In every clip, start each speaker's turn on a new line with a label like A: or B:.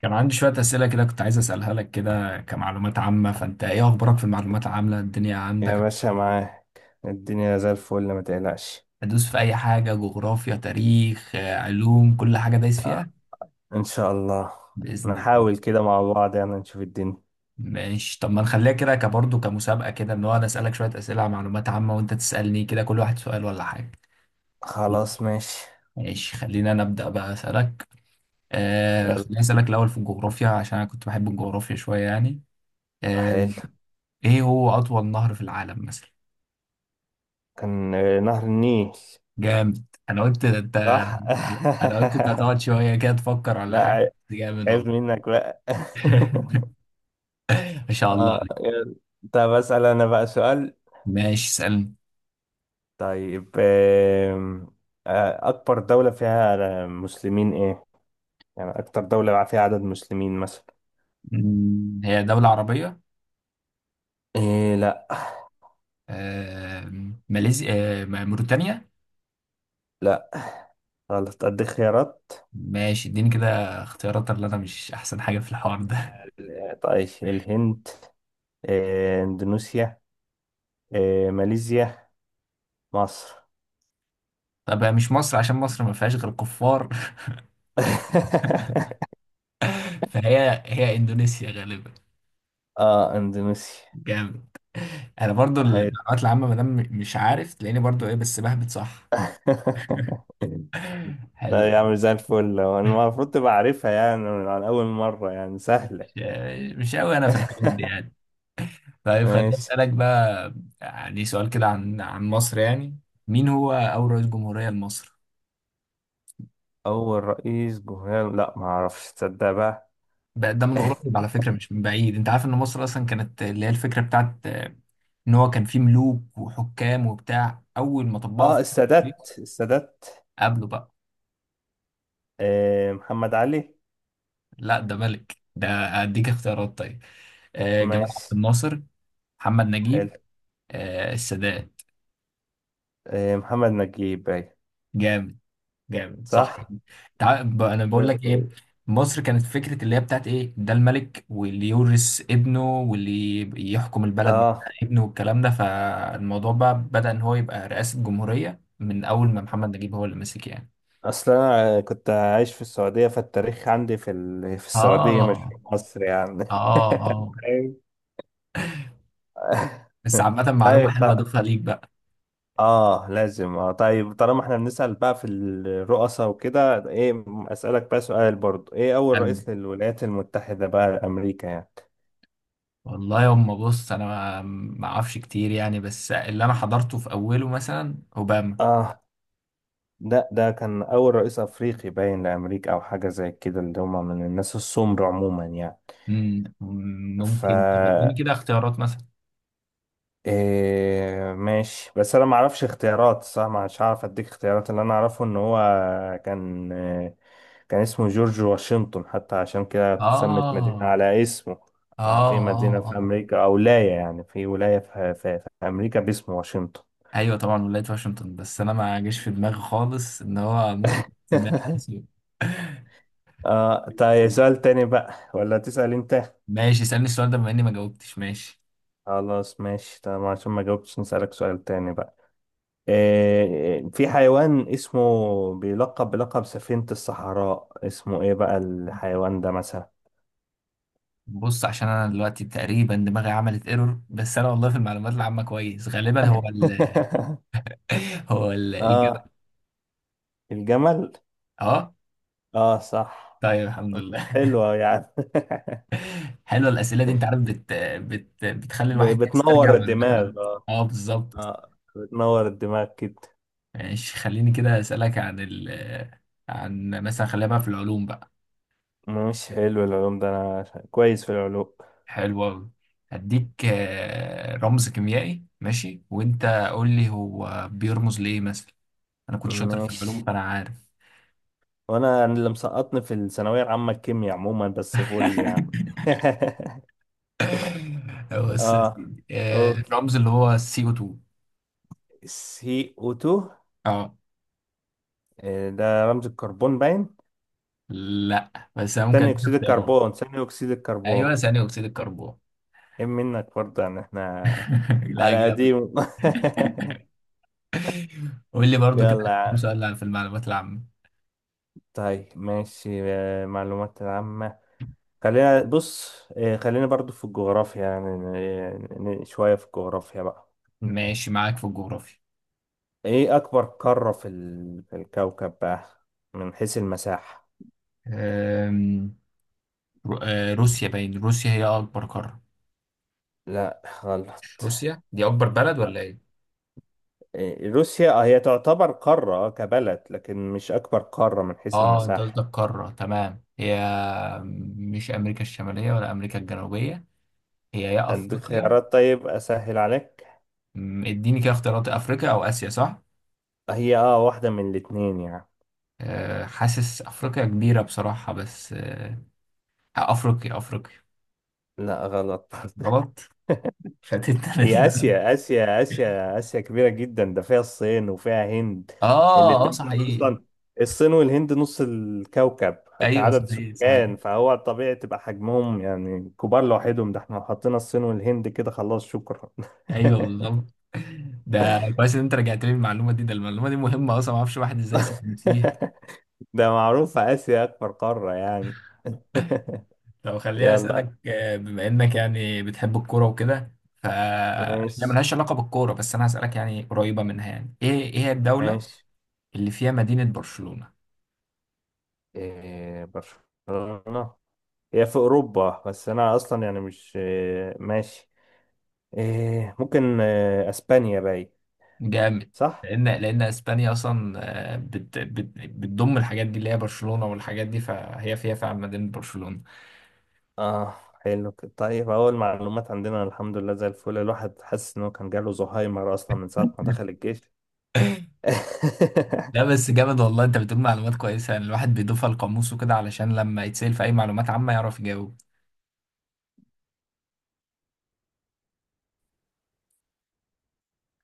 A: كان عندي شوية أسئلة كده، كنت عايز أسألها لك كده كمعلومات عامة. فأنت إيه أخبارك في المعلومات العامة؟ الدنيا عندك
B: يا باشا، معاك الدنيا زي الفل، ما تقلقش.
A: هدوس في أي حاجة، جغرافيا، تاريخ، علوم، كل حاجة دايس
B: آه.
A: فيها.
B: ان شاء الله
A: بإذن الله.
B: نحاول كده مع بعض، يعني نشوف الدنيا.
A: ماشي، طب ما نخليها كده كبرضه كمسابقة كده، إن هو أنا أسألك شوية أسئلة عن معلومات عامة وأنت تسألني كده، كل واحد سؤال ولا حاجة.
B: خلاص ماشي.
A: ماشي، خلينا أنا أبدأ بقى أسألك.
B: يلا.
A: خليني أسألك الأول في الجغرافيا عشان أنا كنت بحب الجغرافيا شوية يعني. آه.
B: حلو.
A: إيه هو أطول نهر في العالم مثلا؟
B: كان نهر النيل.
A: جامد! انا قلت ده انت.
B: صح.
A: انا قلت انت هتقعد شويه كده تفكر ولا
B: لا
A: حاجه.
B: عي-
A: جامد
B: عيب
A: والله.
B: منك بقى.
A: ما شاء الله.
B: اه، يلا. طب اسال انا بقى سؤال.
A: ماشي، اسالني.
B: طيب آم، آه، اكبر دولة فيها مسلمين ايه؟ يعني اكتر دولة فيها عدد مسلمين مثلا.
A: هي دولة عربية؟
B: ايه، لا.
A: ماليزيا، موريتانيا.
B: لا، غلط، أديك خيارات.
A: ماشي، اديني كده اختيارات، اللي انا مش احسن حاجة في الحوار ده.
B: طيب، الهند، إندونيسيا، ماليزيا، مصر.
A: طب هي مش مصر عشان مصر ما فيهاش غير كفار. فهي هي اندونيسيا غالبا.
B: إندونيسيا.
A: جامد. انا برضو
B: هي.
A: المعلومات العامة ما دام مش عارف تلاقيني برضو ايه بس بهبت صح.
B: لا
A: حلو.
B: يا عم، زي الفل. هو أنا المفروض تبقى عارفها يعني من على أول مرة، يعني سهلة.
A: مش مش قوي انا في الحاجات دي يعني. طيب، خليني
B: ماشي.
A: أسألك بقى. يعني سؤال كده عن مصر يعني. مين هو أول رئيس جمهورية لمصر؟
B: أول رئيس جمهورية، لا، ما أعرفش، تصدق بقى.
A: بقى ده من قريب على فكرة، مش من بعيد. أنت عارف إن مصر أصلا كانت اللي هي الفكرة بتاعت، إن هو كان فيه ملوك وحكام وبتاع أول ما طبقوا في.
B: السادات، السادات.
A: قبله بقى.
B: محمد علي.
A: لا، ده ملك ده. أديك اختيارات طيب. جمال عبد
B: ماشي.
A: الناصر. محمد
B: حلو.
A: نجيب. السادات.
B: محمد نجيب، أيوة.
A: جامد. جامد، صح.
B: صح.
A: انا بقول
B: لا،
A: لك ايه.
B: طيب.
A: مصر كانت فكره اللي هي بتاعت ايه، ده الملك واللي يورث ابنه واللي يحكم البلد بعد
B: اه،
A: ابنه والكلام ده. فالموضوع بقى بدأ ان هو يبقى رئاسه جمهوريه من اول ما محمد نجيب هو اللي مسك يعني.
B: اصل انا كنت عايش في السعوديه، فالتاريخ عندي في السعوديه، مش
A: اه،
B: في مصر يعني.
A: اه، اه.
B: أيوة.
A: بس عامه، معلومه
B: طيب،
A: حلوه
B: طيب.
A: اضيفها ليك بقى.
B: اه، لازم. اه، طيب، طالما احنا بنسال بقى في الرؤساء وكده، ايه، اسالك بقى سؤال برضو، ايه اول
A: حلو.
B: رئيس للولايات المتحده بقى، لامريكا يعني.
A: والله يما، بص انا ما اعرفش كتير يعني بس اللي انا حضرته في اوله مثلا اوباما.
B: اه، ده كان اول رئيس افريقي باين لامريكا، او حاجه زي كده، اللي هم من الناس السمر عموما يعني.
A: مم،
B: ف،
A: ممكن طب اديني كده اختيارات مثلا.
B: إيه ماشي. بس انا ما اعرفش اختيارات صح، مش هعرف اديك اختيارات. اللي انا اعرفه ان هو كان آه، كان اسمه جورج واشنطن، حتى عشان كده اتسمت مدينة
A: اه،
B: على اسمه.
A: اه،
B: في مدينة
A: اه،
B: في
A: اه.
B: امريكا او ولاية، يعني في ولاية في امريكا باسم واشنطن.
A: ايوه، طبعا ولاية واشنطن. بس انا ما جاش في دماغي خالص ان هو ممكن تسميها على اسمي.
B: اه، طيب سؤال تاني بقى، ولا تسأل انت؟
A: ماشي، اسألني السؤال ده بما اني ما جاوبتش، ماشي.
B: خلاص ماشي. طب عشان ما جاوبتش نسألك سؤال تاني بقى. في حيوان اسمه، بيلقب بلقب سفينة الصحراء، اسمه ايه بقى الحيوان ده مثلا؟
A: بص، عشان انا دلوقتي تقريبا دماغي عملت ايرور. بس انا والله في المعلومات العامة كويس، غالبا هو ال. هو الجبل.
B: اه، الجمل.
A: اه.
B: اه، صح.
A: طيب، الحمد لله
B: مش حلوة يعني؟
A: حلوه الأسئلة دي، انت عارف بتخلي الواحد يسترجع
B: بتنور
A: معلومات
B: الدماغ،
A: العامة.
B: اه.
A: اه، بالظبط.
B: اه، بتنور الدماغ كده.
A: ماشي، خليني كده أسألك عن مثلا، خلينا بقى في العلوم بقى.
B: مش حلو العلوم ده، انا كويس في العلوم.
A: حلو أوي. هديك رمز كيميائي ماشي، وأنت قول لي هو بيرمز لإيه مثلا. أنا كنت شاطر في
B: مش
A: العلوم فأنا عارف.
B: وانا اللي مسقطني في الثانوية العامة الكيمياء عموما، بس فل يعني.
A: بص يا
B: اه،
A: سيدي،
B: اوكي.
A: الرمز اللي هو سي او 2.
B: سي او 2.
A: اه،
B: ده رمز الكربون باين.
A: لا بس أنا ممكن
B: ثاني
A: أديك
B: اكسيد
A: اختيارات.
B: الكربون، ثاني اكسيد الكربون.
A: أيوه، ثاني أكسيد الكربون.
B: ايه منك برضه، يعني احنا
A: لا،
B: على
A: جامد.
B: قديم.
A: قول لي برضو كده.
B: يلا يا
A: كام
B: عم.
A: سؤال في المعلومات العامة.
B: طيب ماشي. معلومات العامة، خلينا بص. خلينا برضو في الجغرافيا، يعني شوية في الجغرافيا بقى. م.
A: ماشي، معاك في الجغرافيا.
B: ايه اكبر قارة في في الكوكب بقى، من حيث المساحة؟
A: أم، روسيا باين، روسيا هي أكبر قارة.
B: لا،
A: مش
B: غلط.
A: روسيا دي أكبر بلد ولا
B: لا.
A: إيه؟
B: إيه، روسيا، هي تعتبر قارة، كبلد، لكن مش أكبر قارة من حيث
A: اه، انت
B: المساحة.
A: قصدك قارة، تمام. هي مش أمريكا الشمالية ولا أمريكا الجنوبية. هي يا
B: اديك
A: أفريقيا؟
B: خيارات طيب، اسهل عليك.
A: اديني كده اختيارات، أفريقيا أو آسيا صح؟
B: هي، واحدة من الاتنين يعني.
A: حاسس أفريقيا كبيرة بصراحة بس، أفريقيا أفريقيا.
B: لا، غلط.
A: غلط. فاتتنا أنا دي
B: هي
A: لا.
B: اسيا، اسيا، اسيا، اسيا كبيرة جدا، ده فيها الصين وفيها هند.
A: اه، اه،
B: الاتنين دول
A: صحيح.
B: اصلا، الصين والهند نص الكوكب
A: أيوه،
B: كعدد
A: صحيح صحيح.
B: سكان، فهو طبيعي تبقى حجمهم يعني كبار لوحدهم. ده احنا لو حطينا الصين والهند كده، خلاص، شكرا.
A: ايوه، بالظبط. ده كويس ان انت رجعت لي المعلومه دي، ده المعلومه دي مهمه اصلا، ما اعرفش الواحد ازاي ساكن فيه.
B: ده معروف اسيا اكبر قارة يعني.
A: طب خليني
B: يلا.
A: اسالك، بما انك يعني بتحب الكوره وكده، ف هي
B: ماشي،
A: ملهاش علاقه بالكوره بس انا هسالك يعني قريبه منها، يعني ايه هي الدوله
B: ماشي.
A: اللي فيها مدينه برشلونه؟
B: إيه، برشلونة هي في أوروبا، بس أنا أصلا يعني، مش، إيه، ماشي، إيه، ممكن، إيه، أسبانيا باي.
A: جامد.
B: صح؟
A: لان اسبانيا اصلا بتضم الحاجات دي اللي هي برشلونه والحاجات دي، فهي فيها فعلا مدينه برشلونه.
B: آه. حلو كده. طيب أول معلومات عندنا الحمد لله زي الفل. الواحد حاسس إنه كان جاله زهايمر أصلا من ساعة ما دخل الجيش.
A: لا بس جامد والله، انت بتقول معلومات كويسة يعني الواحد بيضيفها لقاموسه كده علشان لما يتسأل في أي معلومات عامة يعرف يجاوب.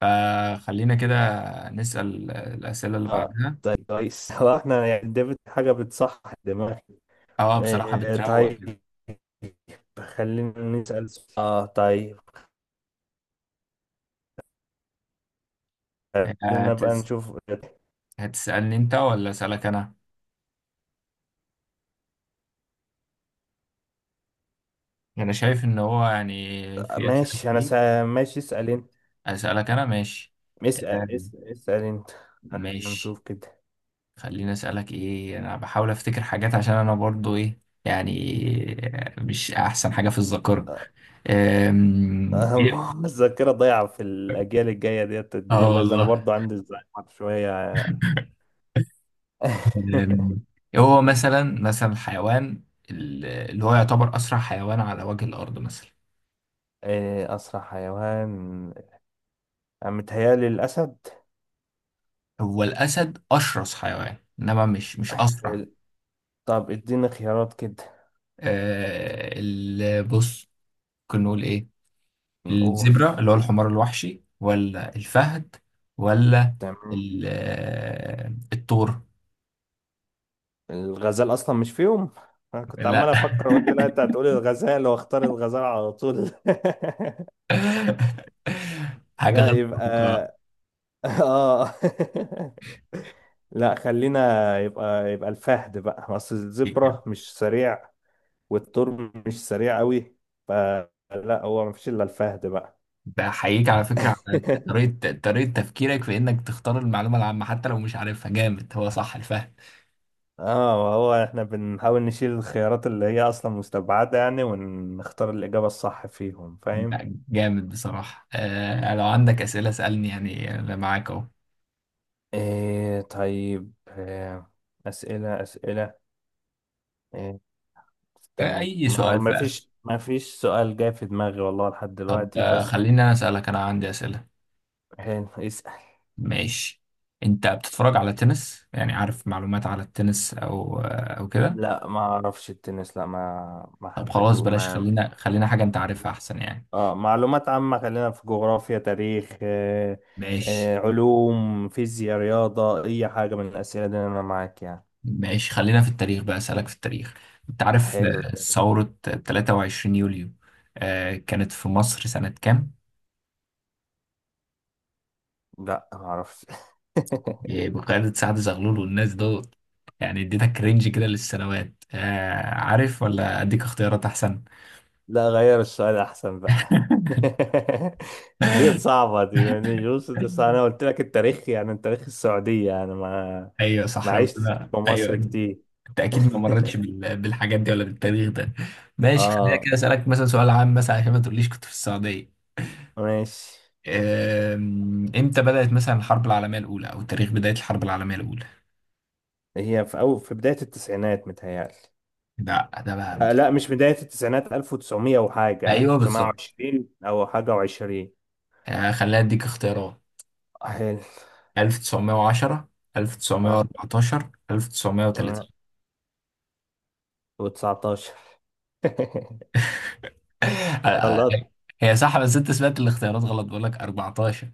A: فخلينا كده نسأل الأسئلة اللي بعدها.
B: طيب كويس. هو احنا يعني ديفيد حاجة بتصح دماغي.
A: اه، بصراحة
B: إيه،
A: بتروق
B: طيب،
A: كده.
B: خلينا نسأل سؤال. اه، طيب، خلينا بقى
A: هتس...
B: نشوف.
A: هتسألني انت ولا أسألك أنا؟ أنا شايف إن هو يعني في أسئلة
B: ماشي،
A: كتير.
B: ماشي، اسأل.
A: أسألك أنا، ماشي.
B: اسأل
A: آم،
B: اسأل, اسأل انت. احنا
A: ماشي.
B: نشوف كده.
A: خليني أسألك، إيه أنا بحاول أفتكر حاجات عشان أنا برضو إيه يعني، مش أحسن حاجة في الذاكرة.
B: أه،
A: إيه؟
B: أه، الذاكرة ضايعة في الأجيال الجاية، ديت
A: اه،
B: الدنيا بايظة، أنا
A: والله.
B: برضو عندي الزهايمر شوية.
A: أم، هو مثلا، مثلا الحيوان اللي هو يعتبر أسرع حيوان على وجه الأرض مثلا؟
B: إيه أسرع حيوان؟ أنا متهيألي الأسد.
A: هو الأسد أشرس حيوان، إنما مش أسرع.
B: حلو. طب اديني خيارات كده.
A: أه، بص. ممكن نقول إيه؟
B: نقول،
A: الزبرة اللي هو الحمار الوحشي، ولا الفهد، ولا
B: تمام.
A: الثور.
B: الغزال أصلا مش فيهم، أنا كنت عمال
A: لا.
B: أفكر قلت لا أنت هتقولي الغزال وأختار الغزال على طول.
A: حاجة
B: لا،
A: غير متوقعة.
B: يبقى. آه. لا، خلينا. يبقى الفهد بقى، اصل الزبرة مش سريع والثور مش سريع قوي، فلا، هو مفيش الا الفهد بقى.
A: بحييك على فكرة على طريقة تفكيرك في إنك تختار المعلومة العامة حتى لو مش عارفها، جامد هو صح الفهم.
B: اه، وهو احنا بنحاول نشيل الخيارات اللي هي اصلا مستبعدة يعني، ونختار الإجابة الصح فيهم، فاهم؟
A: لا، جامد بصراحة. لو عندك أسئلة اسألني يعني أنا معاك أهو.
B: إيه طيب. إيه، أسئلة، أسئلة، إيه. استنى،
A: أي
B: ما
A: سؤال
B: هو
A: بقى.
B: مفيش سؤال جاي في دماغي والله لحد
A: طب
B: دلوقتي، بس.
A: خليني أنا أسألك، أنا عندي أسئلة.
B: حلو، اسأل.
A: ماشي. أنت بتتفرج على التنس؟ يعني عارف معلومات على التنس أو أو كده؟
B: لا، ما اعرفش التنس، لا، ما ما
A: طب خلاص
B: حبيته،
A: بلاش،
B: ما.
A: خلينا حاجة أنت عارفها أحسن يعني.
B: اه، معلومات عامة، خلينا في جغرافيا، تاريخ، آه،
A: ماشي.
B: آه، علوم، فيزياء، رياضة، اي حاجة من الاسئلة دي انا معاك يعني.
A: ماشي، خلينا في التاريخ بقى، أسألك في التاريخ. أنت عارف
B: حلو، التاريخ.
A: ثورة 23 يوليو، كانت في مصر سنة كام؟
B: لا، ما اعرفش.
A: بقيادة سعد زغلول والناس دول. يعني اديتك رينج كده للسنوات، عارف ولا أديك اختيارات أحسن؟
B: لا، غير السؤال احسن بقى. دي صعبة، دي يعني جوز، دي صعبة. انا قلت لك التاريخ يعني التاريخ السعودية يعني، ما،
A: أيوه صح،
B: ما
A: أنا بقول
B: عشتش
A: لها.
B: في
A: أيوه.
B: مصر كتير.
A: أنت أكيد ما مرتش بالحاجات دي ولا بالتاريخ ده. ماشي، خلينا
B: اه،
A: كده أسألك مثلا سؤال عام مثلا عشان ما تقوليش كنت في السعودية.
B: ماشي.
A: امتى بدأت مثلا الحرب العالمية الأولى أو تاريخ بداية الحرب العالمية الأولى؟
B: هي في أو في بداية التسعينات متهيألي.
A: ده بقى
B: آه لا،
A: متقطع.
B: مش بداية التسعينات. 1900 وحاجة،
A: أيوه، بالظبط.
B: 1920 أو حاجة وعشرين.
A: خليني أديك اختيارات،
B: حلو.
A: 1910،
B: اه،
A: 1914، 1930.
B: تمام، و19.
A: آه، آه،
B: غلط،
A: هي صح، بس أنت سمعت الاختيارات غلط، بقول لك 14.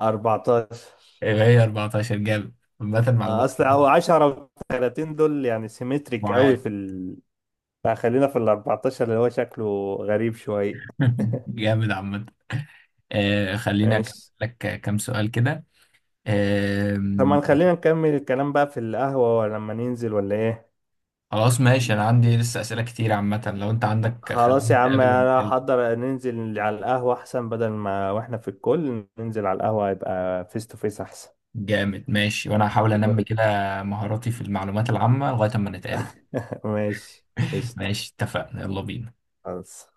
B: 14.
A: يبقى هي 14، جامد. عامة
B: آه،
A: معلومات.
B: أصل أو 10 و30 دول يعني سيمتريك قوي
A: معاد.
B: في فخلينا في ال 14 اللي هو شكله غريب شوية.
A: جامد عامة. خليني أكمل
B: ماشي.
A: لك كام سؤال كده. آه،
B: طب ما خلينا نكمل الكلام بقى في القهوة، ولا لما ننزل، ولا إيه؟
A: خلاص ماشي، انا عندي لسه اسئله كتير عامه، لو انت عندك خلينا
B: خلاص يا عم،
A: نتقابل ماشي
B: انا
A: ونتكلم.
B: هحضر ننزل على القهوة احسن، بدل ما واحنا في الكل، ننزل على القهوة يبقى فيس تو فيس احسن.
A: جامد، ماشي، وانا هحاول انمي كده مهاراتي في المعلومات العامه لغايه اما نتقابل.
B: ماشي، قشطة،
A: ماشي، اتفقنا، يلا بينا.
B: خلاص.